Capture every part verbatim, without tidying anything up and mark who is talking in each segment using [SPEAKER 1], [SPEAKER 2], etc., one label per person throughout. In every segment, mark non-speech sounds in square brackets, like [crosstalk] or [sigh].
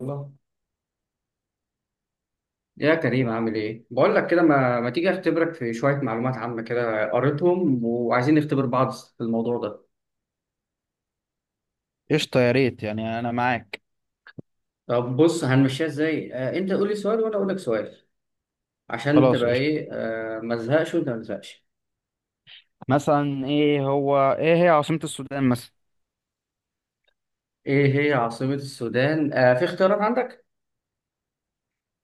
[SPEAKER 1] الله يا كريم عامل ايه؟ بقول لك كده ما, ما تيجي اختبرك في شوية معلومات عامة كده قريتهم وعايزين نختبر بعض في الموضوع ده.
[SPEAKER 2] قشطة يا ريت يعني أنا معاك.
[SPEAKER 1] طب بص هنمشيها ازاي؟ آه انت قول لي سؤال وانا اقول لك سؤال عشان
[SPEAKER 2] خلاص
[SPEAKER 1] تبقى
[SPEAKER 2] قشطة.
[SPEAKER 1] ايه آه ما تزهقش وانت ما تزهقش.
[SPEAKER 2] مثلا إيه هو إيه هي عاصمة السودان مثلا؟
[SPEAKER 1] ايه هي عاصمة السودان؟ آه في اختيارات عندك؟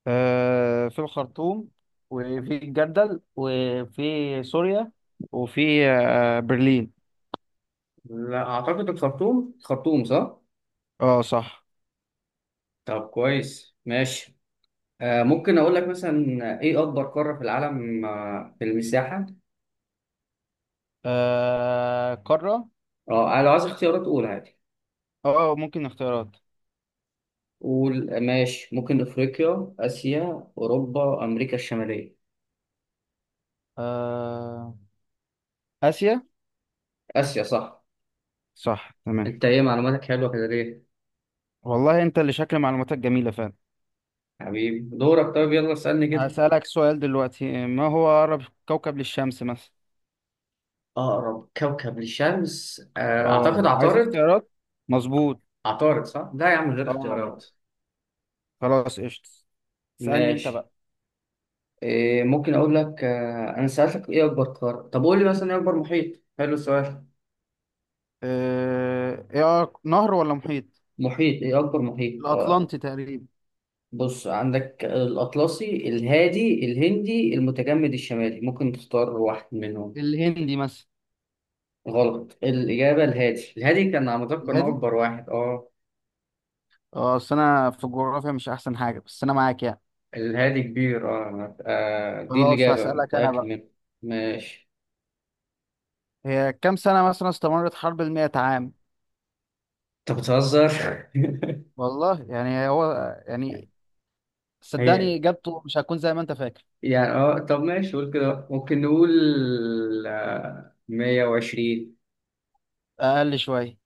[SPEAKER 2] آه، في الخرطوم، وفي الجردل، وفي سوريا، وفي آه برلين.
[SPEAKER 1] لا اعتقد الخرطوم، الخرطوم صح؟
[SPEAKER 2] اه صح.
[SPEAKER 1] طب كويس ماشي. آه ممكن اقول لك مثلا ايه اكبر قارة في العالم آه في المساحة؟
[SPEAKER 2] آه، قارة.
[SPEAKER 1] اه لو عايز اختيارات قول عادي.
[SPEAKER 2] اه، ممكن اختيارات.
[SPEAKER 1] قول ماشي ممكن افريقيا اسيا اوروبا امريكا الشماليه
[SPEAKER 2] آه، آسيا.
[SPEAKER 1] اسيا صح.
[SPEAKER 2] صح تمام.
[SPEAKER 1] انت ايه معلوماتك حلوه كده ليه؟
[SPEAKER 2] والله أنت اللي شكل معلوماتك جميلة فعلا.
[SPEAKER 1] حبيبي دورك، طيب يلا اسالني كده.
[SPEAKER 2] هسألك سؤال دلوقتي، ما هو أقرب كوكب للشمس مثلا؟
[SPEAKER 1] اقرب كوكب للشمس آه، اعتقد
[SPEAKER 2] اه عايز
[SPEAKER 1] عطارد.
[SPEAKER 2] اختيارات. مظبوط.
[SPEAKER 1] عطارد صح، لا يا عم غير
[SPEAKER 2] اه
[SPEAKER 1] اختيارات.
[SPEAKER 2] خلاص قشطة. اسألني انت
[SPEAKER 1] ماشي.
[SPEAKER 2] بقى.
[SPEAKER 1] إيه ممكن اقول لك آه، انا سالتك ايه اكبر قاره، طب قول لي مثلا ايه اكبر محيط، حلو السؤال.
[SPEAKER 2] آه، ايه أق- نهر ولا محيط؟
[SPEAKER 1] محيط، ايه اكبر محيط آه،
[SPEAKER 2] الأطلنطي تقريبا.
[SPEAKER 1] بص عندك الاطلسي الهادي الهندي المتجمد الشمالي، ممكن تختار واحد منهم.
[SPEAKER 2] الهندي مثلا.
[SPEAKER 1] غلط، الإجابة الهادي، الهادي كان على ما أتذكر إنه
[SPEAKER 2] الهادي.
[SPEAKER 1] أكبر واحد. أه
[SPEAKER 2] اه، اصل انا في الجغرافيا مش احسن حاجة، بس انا معاك يعني.
[SPEAKER 1] الهادي كبير، أه أنا- آه، دي
[SPEAKER 2] خلاص،
[SPEAKER 1] الإجابة
[SPEAKER 2] هسألك انا
[SPEAKER 1] متأكد
[SPEAKER 2] بقى.
[SPEAKER 1] منها. ماشي.
[SPEAKER 2] هي كام سنة مثلا استمرت حرب المئة عام؟
[SPEAKER 1] أنت بتهزر [laughs]
[SPEAKER 2] والله يعني هو. يعني.
[SPEAKER 1] هي
[SPEAKER 2] صدقني اجابته مش هتكون زي ما انت فاكر.
[SPEAKER 1] يعني أه طب ماشي، قول كده، ممكن نقول آه، مية وعشرين.
[SPEAKER 2] اقل شوية.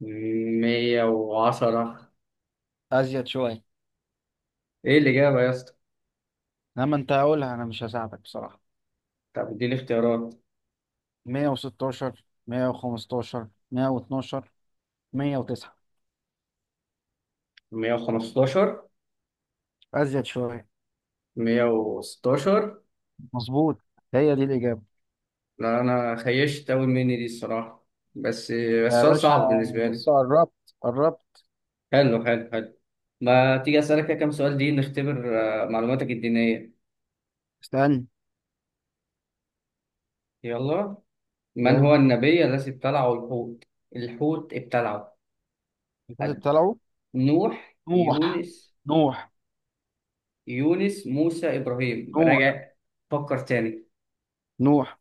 [SPEAKER 1] مية وعشرة.
[SPEAKER 2] ازيد شوية.
[SPEAKER 1] إيه الإجابة يا اسطى؟
[SPEAKER 2] لما انت هقولها انا مش هساعدك بصراحة.
[SPEAKER 1] طب إديني اختيارات.
[SPEAKER 2] مئة وستة عشر، مية وخمستاشر، مية واتناشر، مية وتسعة.
[SPEAKER 1] مية وخمستاشر.
[SPEAKER 2] ازيد شوية.
[SPEAKER 1] مية وستاشر.
[SPEAKER 2] مظبوط. هي دي الإجابة.
[SPEAKER 1] لا أنا خيشت أوي مني دي الصراحة، بس بس
[SPEAKER 2] يا
[SPEAKER 1] سؤال
[SPEAKER 2] باشا
[SPEAKER 1] صعب بالنسبة لي.
[SPEAKER 2] بس قربت قربت.
[SPEAKER 1] حلو حلو حلو. ما تيجي أسألك كده كام سؤال دي، نختبر آه، معلوماتك الدينية.
[SPEAKER 2] استنى.
[SPEAKER 1] يلا. من هو
[SPEAKER 2] يلا.
[SPEAKER 1] النبي الذي ابتلعه الحوت؟ الحوت ابتلعه
[SPEAKER 2] الفاتت
[SPEAKER 1] أد-
[SPEAKER 2] طلعوا.
[SPEAKER 1] نوح،
[SPEAKER 2] نوح.
[SPEAKER 1] يونس،
[SPEAKER 2] نوح.
[SPEAKER 1] يونس موسى إبراهيم،
[SPEAKER 2] نوح.
[SPEAKER 1] راجع، فكر تاني.
[SPEAKER 2] نوح.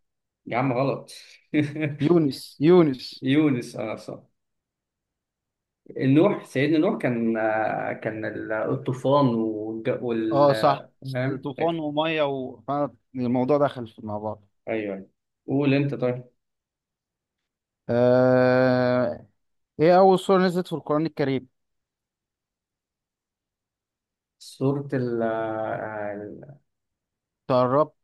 [SPEAKER 1] يا عم غلط. [laughs]
[SPEAKER 2] يونس يونس.
[SPEAKER 1] يونس اه صح. نوح، سيدنا نوح كان آه، كان ال- الطوفان والج- وال
[SPEAKER 2] اه صح.
[SPEAKER 1] آه، فاهم.
[SPEAKER 2] طوفان ومية و... الموضوع دخل في- مع بعض.
[SPEAKER 1] ايوه قول انت طيب.
[SPEAKER 2] آه... ايه أول سورة نزلت في القرآن الكريم؟
[SPEAKER 1] سورة ال آه،
[SPEAKER 2] تقربت.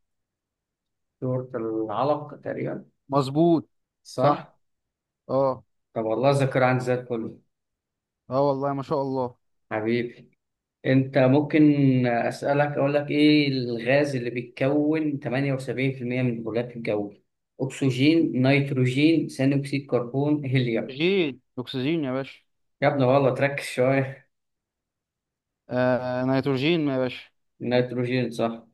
[SPEAKER 1] سورة العلق تقريبا.
[SPEAKER 2] مظبوط. صح.
[SPEAKER 1] صح؟
[SPEAKER 2] اه.
[SPEAKER 1] طب والله الذاكرة عندي زي الفل.
[SPEAKER 2] اه والله ما شاء الله.
[SPEAKER 1] حبيبي أنت، ممكن أسألك أقول لك إيه الغاز اللي بيتكون ثمانية وسبعين في المية من الغلاف الجوي؟ أكسجين، نيتروجين، ثاني أكسيد كربون، هيليوم.
[SPEAKER 2] أكسجين أكسجين يا باشا.
[SPEAKER 1] يا ابني والله تركز شوية.
[SPEAKER 2] آه... نيتروجين يا باشا.
[SPEAKER 1] نيتروجين صح.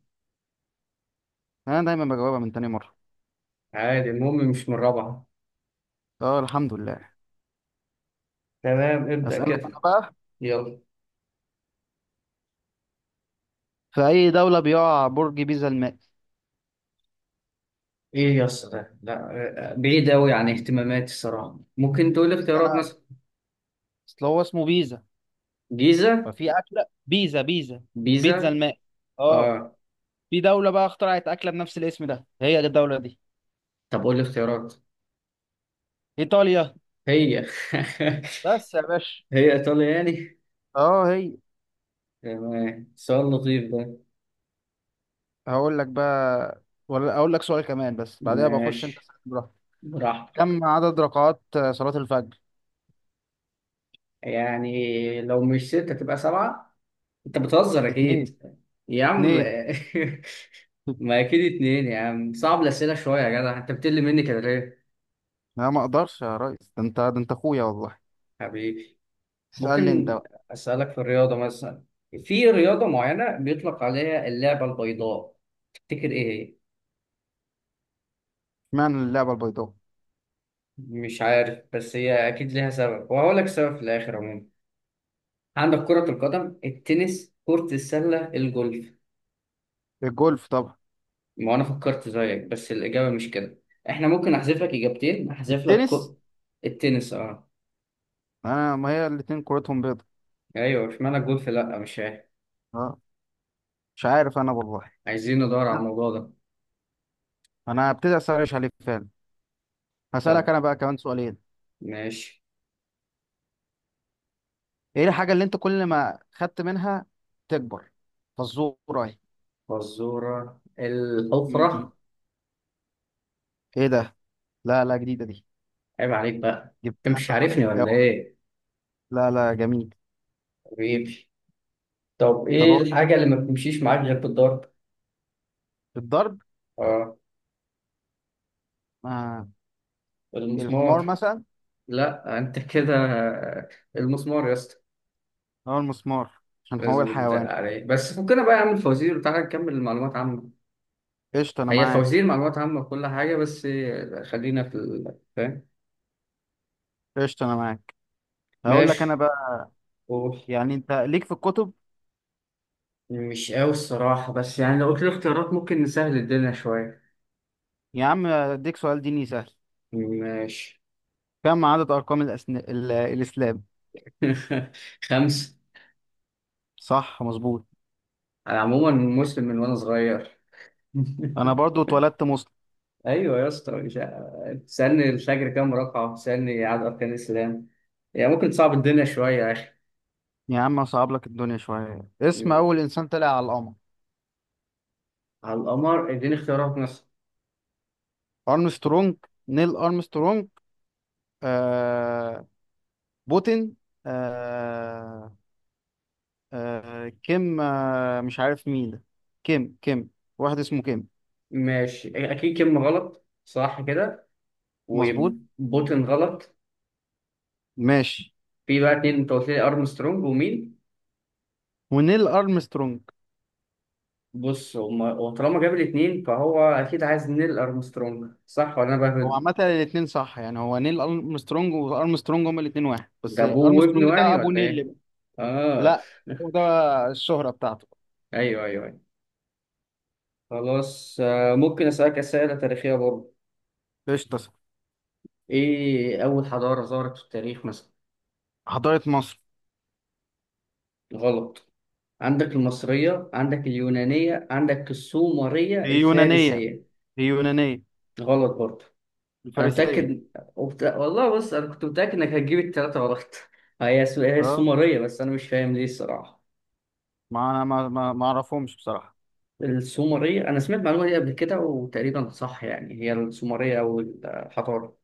[SPEAKER 2] أنا دايما بجاوبها من تاني مرة.
[SPEAKER 1] عادي المهم مش من رابعة.
[SPEAKER 2] اه الحمد لله.
[SPEAKER 1] تمام ابدأ
[SPEAKER 2] أسألك أنا
[SPEAKER 1] كده.
[SPEAKER 2] بقى.
[SPEAKER 1] يلا.
[SPEAKER 2] في أي دولة بيقع برج بيزا المائل؟
[SPEAKER 1] إيه يا اسطى ده؟ لا بعيد أوي عن اهتماماتي الصراحة، ممكن تقول لي
[SPEAKER 2] بس
[SPEAKER 1] اختيارات
[SPEAKER 2] أنا.
[SPEAKER 1] مثلا.
[SPEAKER 2] أصل هو اسمه بيزا.
[SPEAKER 1] جيزة.
[SPEAKER 2] ففي أكلة بيزا بيزا. بيتزا
[SPEAKER 1] بيزا.
[SPEAKER 2] الماء. أه.
[SPEAKER 1] آه.
[SPEAKER 2] في دولة بقى اخترعت أكلة بنفس الاسم ده، هي دي الدولة دي.
[SPEAKER 1] طب قول لي اختيارات.
[SPEAKER 2] إيطاليا.
[SPEAKER 1] هي [laughs]
[SPEAKER 2] بس يا باشا.
[SPEAKER 1] هي ايطاليا يعني.
[SPEAKER 2] أه هي.
[SPEAKER 1] تمام سؤال لطيف ده.
[SPEAKER 2] هقول لك بقى. ولا أقول لك سؤال كمان، بس بعدها بخش أنت
[SPEAKER 1] ماشي
[SPEAKER 2] اسأل براحتك.
[SPEAKER 1] براحتك.
[SPEAKER 2] كم عدد ركعات آه، صلاة الفجر؟
[SPEAKER 1] يعني لو مش ستة تبقى سبعة، انت بتهزر
[SPEAKER 2] اتنين.
[SPEAKER 1] اكيد. يا عم
[SPEAKER 2] اتنين.
[SPEAKER 1] [laughs] ما
[SPEAKER 2] [laughs]
[SPEAKER 1] اكيد اتنين يا عم، صعب الاسئلة شوية يا جدع، انت بتقل مني كده ليه؟
[SPEAKER 2] لا ما أقدرش يا ريس، ده أنت ده أنت أخويا والله.
[SPEAKER 1] حبيبي،
[SPEAKER 2] اسألني أنت
[SPEAKER 1] ممكن
[SPEAKER 2] بقى.
[SPEAKER 1] اسألك في الرياضة مثلا، في رياضة معينة بيطلق عليها اللعبة البيضاء، تفتكر ايه هي؟
[SPEAKER 2] اشمعنى اللعبة البيضاء؟
[SPEAKER 1] مش عارف بس هي اكيد ليها سبب وهقول لك سبب في الاخر عموما. عندك كرة القدم، التنس، كرة السلة، الجولف.
[SPEAKER 2] الجولف طبعا.
[SPEAKER 1] ما أنا فكرت زيك بس الإجابة مش كده. إحنا ممكن أحذف لك إجابتين، أحذف لك
[SPEAKER 2] التنس.
[SPEAKER 1] كو... التنس أه.
[SPEAKER 2] انا ما هي الاتنين كورتهم بيضة.
[SPEAKER 1] أيوه إشمعنى الجولف لأ، مش عارف.
[SPEAKER 2] اه. مش عارف انا والله.
[SPEAKER 1] عايزين ندور على الموضوع ده.
[SPEAKER 2] انا هبتدي اسرش عليك فعلا. هسألك
[SPEAKER 1] طب
[SPEAKER 2] انا بقى كمان سؤالين.
[SPEAKER 1] ماشي.
[SPEAKER 2] ايه الحاجة اللي انت كل ما خدت منها تكبر؟ فزورة. اهي.
[SPEAKER 1] فزورة
[SPEAKER 2] مم.
[SPEAKER 1] الحفرة.
[SPEAKER 2] ايه ده؟ لا، لا جديدة دي.
[SPEAKER 1] عيب عليك بقى، أنت
[SPEAKER 2] جبتها
[SPEAKER 1] مش
[SPEAKER 2] انت صح.
[SPEAKER 1] عارفني ولا
[SPEAKER 2] اوعى.
[SPEAKER 1] إيه؟
[SPEAKER 2] لا، لا جميل.
[SPEAKER 1] حبيبي. طب
[SPEAKER 2] طب
[SPEAKER 1] إيه
[SPEAKER 2] اقول
[SPEAKER 1] الحاجة
[SPEAKER 2] لك.
[SPEAKER 1] اللي ما بتمشيش معاك غير بالضرب؟
[SPEAKER 2] الضرب.
[SPEAKER 1] أه
[SPEAKER 2] آه. الحمار
[SPEAKER 1] المسمار.
[SPEAKER 2] مثلا.
[SPEAKER 1] لأ أنت كده آه، المسمار يا اسطى،
[SPEAKER 2] او المسمار. عشان هو
[SPEAKER 1] لازم يتدق
[SPEAKER 2] الحيوان.
[SPEAKER 1] عليه. بس فكنا بقى يا عم الفوازير وتعالى نكمل المعلومات عامة.
[SPEAKER 2] قشطة انا
[SPEAKER 1] هي الفوازير
[SPEAKER 2] معاك.
[SPEAKER 1] معلومات عامة وكل حاجة بس، خلينا في ال- فاهم.
[SPEAKER 2] قشطة انا معاك. هقول لك انا
[SPEAKER 1] ماشي
[SPEAKER 2] بقى.
[SPEAKER 1] قول.
[SPEAKER 2] يعني انت ليك في الكتب.
[SPEAKER 1] مش قوي الصراحة بس يعني لو قلت لي اختيارات ممكن نسهل الدنيا شوية.
[SPEAKER 2] يا عم اديك سؤال ديني سهل.
[SPEAKER 1] ماشي.
[SPEAKER 2] كم عدد ارقام الأسن... ال... الاسلام؟
[SPEAKER 1] [laughs] خمسة.
[SPEAKER 2] صح مظبوط.
[SPEAKER 1] أنا عموما مسلم من وأنا صغير.
[SPEAKER 2] انا
[SPEAKER 1] [laughs]
[SPEAKER 2] برضو اتولدت مسلم.
[SPEAKER 1] أيوة يا اسطى، مش ع- تسألني الفجر كام ركعة تسألني عدد أركان الإسلام، يعني ممكن تصعب الدنيا شوية يا أخي.
[SPEAKER 2] يا عم اصعب لك الدنيا شويه، اسم اول انسان طلع على القمر.
[SPEAKER 1] على القمر، اديني اختيارات مثلا.
[SPEAKER 2] ارمسترونج. نيل ارمسترونج. آه، بوتين. آه آه كيم. آه مش عارف مين ده. كيم كيم. واحد اسمه كيم.
[SPEAKER 1] ماشي إيه، اكيد كلمه غلط صح كده،
[SPEAKER 2] مظبوط.
[SPEAKER 1] وبوتين غلط.
[SPEAKER 2] ماشي.
[SPEAKER 1] في بقى اتنين، انت قلت لي ارمسترونج ومين؟
[SPEAKER 2] ونيل ارمسترونج.
[SPEAKER 1] بص هما، وطالما جاب الاتنين فهو اكيد عايز نيل ارمسترونج، صح ولا انا
[SPEAKER 2] هو
[SPEAKER 1] بهبد؟
[SPEAKER 2] عامه الاثنين صح، يعني هو نيل ارمسترونج وارمسترونج هما الاثنين واحد، بس
[SPEAKER 1] ده ابوه
[SPEAKER 2] ارمسترونج
[SPEAKER 1] وابنه
[SPEAKER 2] ده
[SPEAKER 1] يعني
[SPEAKER 2] ابو
[SPEAKER 1] ولا
[SPEAKER 2] نيل
[SPEAKER 1] ايه؟
[SPEAKER 2] بقى.
[SPEAKER 1] اه.
[SPEAKER 2] لا. هو
[SPEAKER 1] [laughs]
[SPEAKER 2] ده الشهره بتاعته.
[SPEAKER 1] ايوه ايوه ايوه. خلاص آه، ممكن اسالك اسئله تاريخيه برضه.
[SPEAKER 2] قشطه.
[SPEAKER 1] ايه اول حضاره ظهرت في التاريخ مثلا؟
[SPEAKER 2] حضاره مصر.
[SPEAKER 1] غلط. عندك المصريه، عندك اليونانيه، عندك السومريه،
[SPEAKER 2] هي يونانية.
[SPEAKER 1] الفارسيه.
[SPEAKER 2] هي يونانية.
[SPEAKER 1] غلط برضه. انا
[SPEAKER 2] الفارسية.
[SPEAKER 1] متاكد. وبت... والله بص انا كنت متاكد انك هتجيب الثلاثه غلط. [laughs] هي الس- هي
[SPEAKER 2] اه،
[SPEAKER 1] السومريه، بس انا مش فاهم ليه الصراحه.
[SPEAKER 2] ما انا ما ما ما اعرفهمش بصراحة.
[SPEAKER 1] السومريه انا سمعت المعلومه دي قبل كده وتقريبا صح يعني، هي السومريه او الحضاره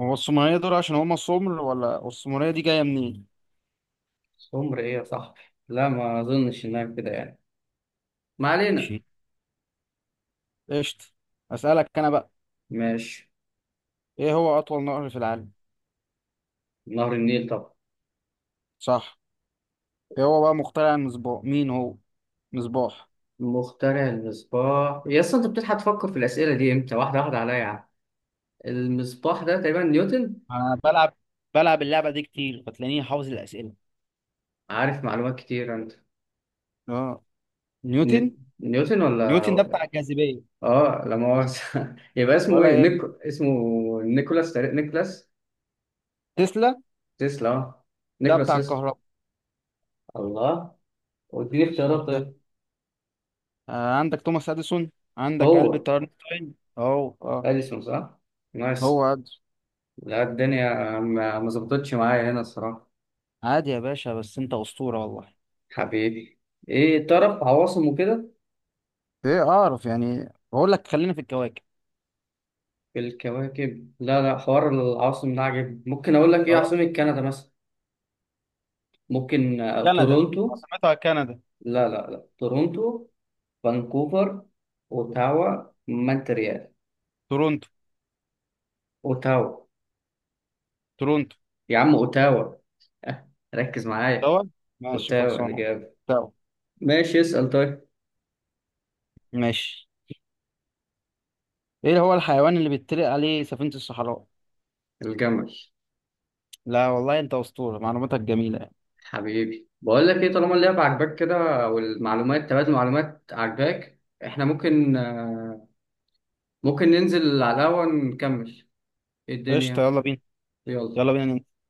[SPEAKER 2] هو السومرية دول عشان هما سمر، ولا السومرية دي جاية منين؟
[SPEAKER 1] السومريه صح. لا ما اظنش انها كده يعني. ما علينا.
[SPEAKER 2] ماشي. قشطة. اسألك انا بقى.
[SPEAKER 1] ماشي.
[SPEAKER 2] ايه هو اطول نهر في العالم؟
[SPEAKER 1] نهر النيل طبعا.
[SPEAKER 2] صح. ايه هو بقى مخترع المصباح، مين هو؟ مصباح.
[SPEAKER 1] مخترع المصباح يا اسطى، انت بتلحق تفكر في الاسئله دي امتى، واحده واحده عليا يا عم. المصباح ده تقريبا نيوتن.
[SPEAKER 2] انا بلعب بلعب اللعبة دي كتير، فتلاقيني حافظ الأسئلة.
[SPEAKER 1] عارف معلومات كتير انت.
[SPEAKER 2] اه نيوتن.
[SPEAKER 1] ني- نيوتن ولا؟
[SPEAKER 2] نيوتن ده بتاع الجاذبية.
[SPEAKER 1] اه لا مؤاخذة. [laughs] يبقى اسمه ايه،
[SPEAKER 2] ولا
[SPEAKER 1] نيك...
[SPEAKER 2] يهم.
[SPEAKER 1] اسمه نيكولاس، تقريبا- نيكولاس
[SPEAKER 2] تسلا.
[SPEAKER 1] تسلا. اه
[SPEAKER 2] ده
[SPEAKER 1] نيكولاس
[SPEAKER 2] بتاع
[SPEAKER 1] تسلا.
[SPEAKER 2] الكهرباء.
[SPEAKER 1] الله. واديني اختيارات
[SPEAKER 2] مش ده.
[SPEAKER 1] طيب.
[SPEAKER 2] آه عندك توماس اديسون. عندك
[SPEAKER 1] هو
[SPEAKER 2] ألبرت اينشتاين اهو. اه.
[SPEAKER 1] اديسون صح؟
[SPEAKER 2] هو.
[SPEAKER 1] نايس.
[SPEAKER 2] عادي.
[SPEAKER 1] لا الدنيا ما ما ظبطتش معايا هنا الصراحة.
[SPEAKER 2] عادي يا باشا، بس انت اسطوره والله.
[SPEAKER 1] حبيبي. ايه تعرف عواصم وكده؟
[SPEAKER 2] ايه اعرف يعني، بقول لك خلينا في الكواكب.
[SPEAKER 1] في الكواكب، لا لا، حوار العواصم ده عجب، ممكن اقول لك ايه عاصمة
[SPEAKER 2] خلاص.
[SPEAKER 1] كندا مثلا. ممكن آه،
[SPEAKER 2] كندا
[SPEAKER 1] تورونتو،
[SPEAKER 2] عاصمتها كندا.
[SPEAKER 1] لا لا لا، تورونتو فانكوفر اوتاوا مونتريال.
[SPEAKER 2] تورونتو.
[SPEAKER 1] اوتاوا.
[SPEAKER 2] تورونتو.
[SPEAKER 1] يا عم اوتاوا أه، ركز معايا.
[SPEAKER 2] دول. ماشي
[SPEAKER 1] اوتاوا
[SPEAKER 2] خلصانه.
[SPEAKER 1] الإجابة.
[SPEAKER 2] تمام.
[SPEAKER 1] ماشي اسأل طيب.
[SPEAKER 2] ماشي. ايه هو الحيوان اللي بيتطلق عليه سفينه الصحراء؟
[SPEAKER 1] الجمل.
[SPEAKER 2] لا والله انت اسطوره، معلوماتك جميله يعني.
[SPEAKER 1] حبيبي بقول لك ايه، طالما اللعبة عجباك كده والمعلومات، تبادل معلومات عجباك، احنا ممكن آه، ممكن ننزل على القهوة نكمل، إيه
[SPEAKER 2] قشطه
[SPEAKER 1] الدنيا؟
[SPEAKER 2] يلا بينا. يلا
[SPEAKER 1] يلا.
[SPEAKER 2] بينا.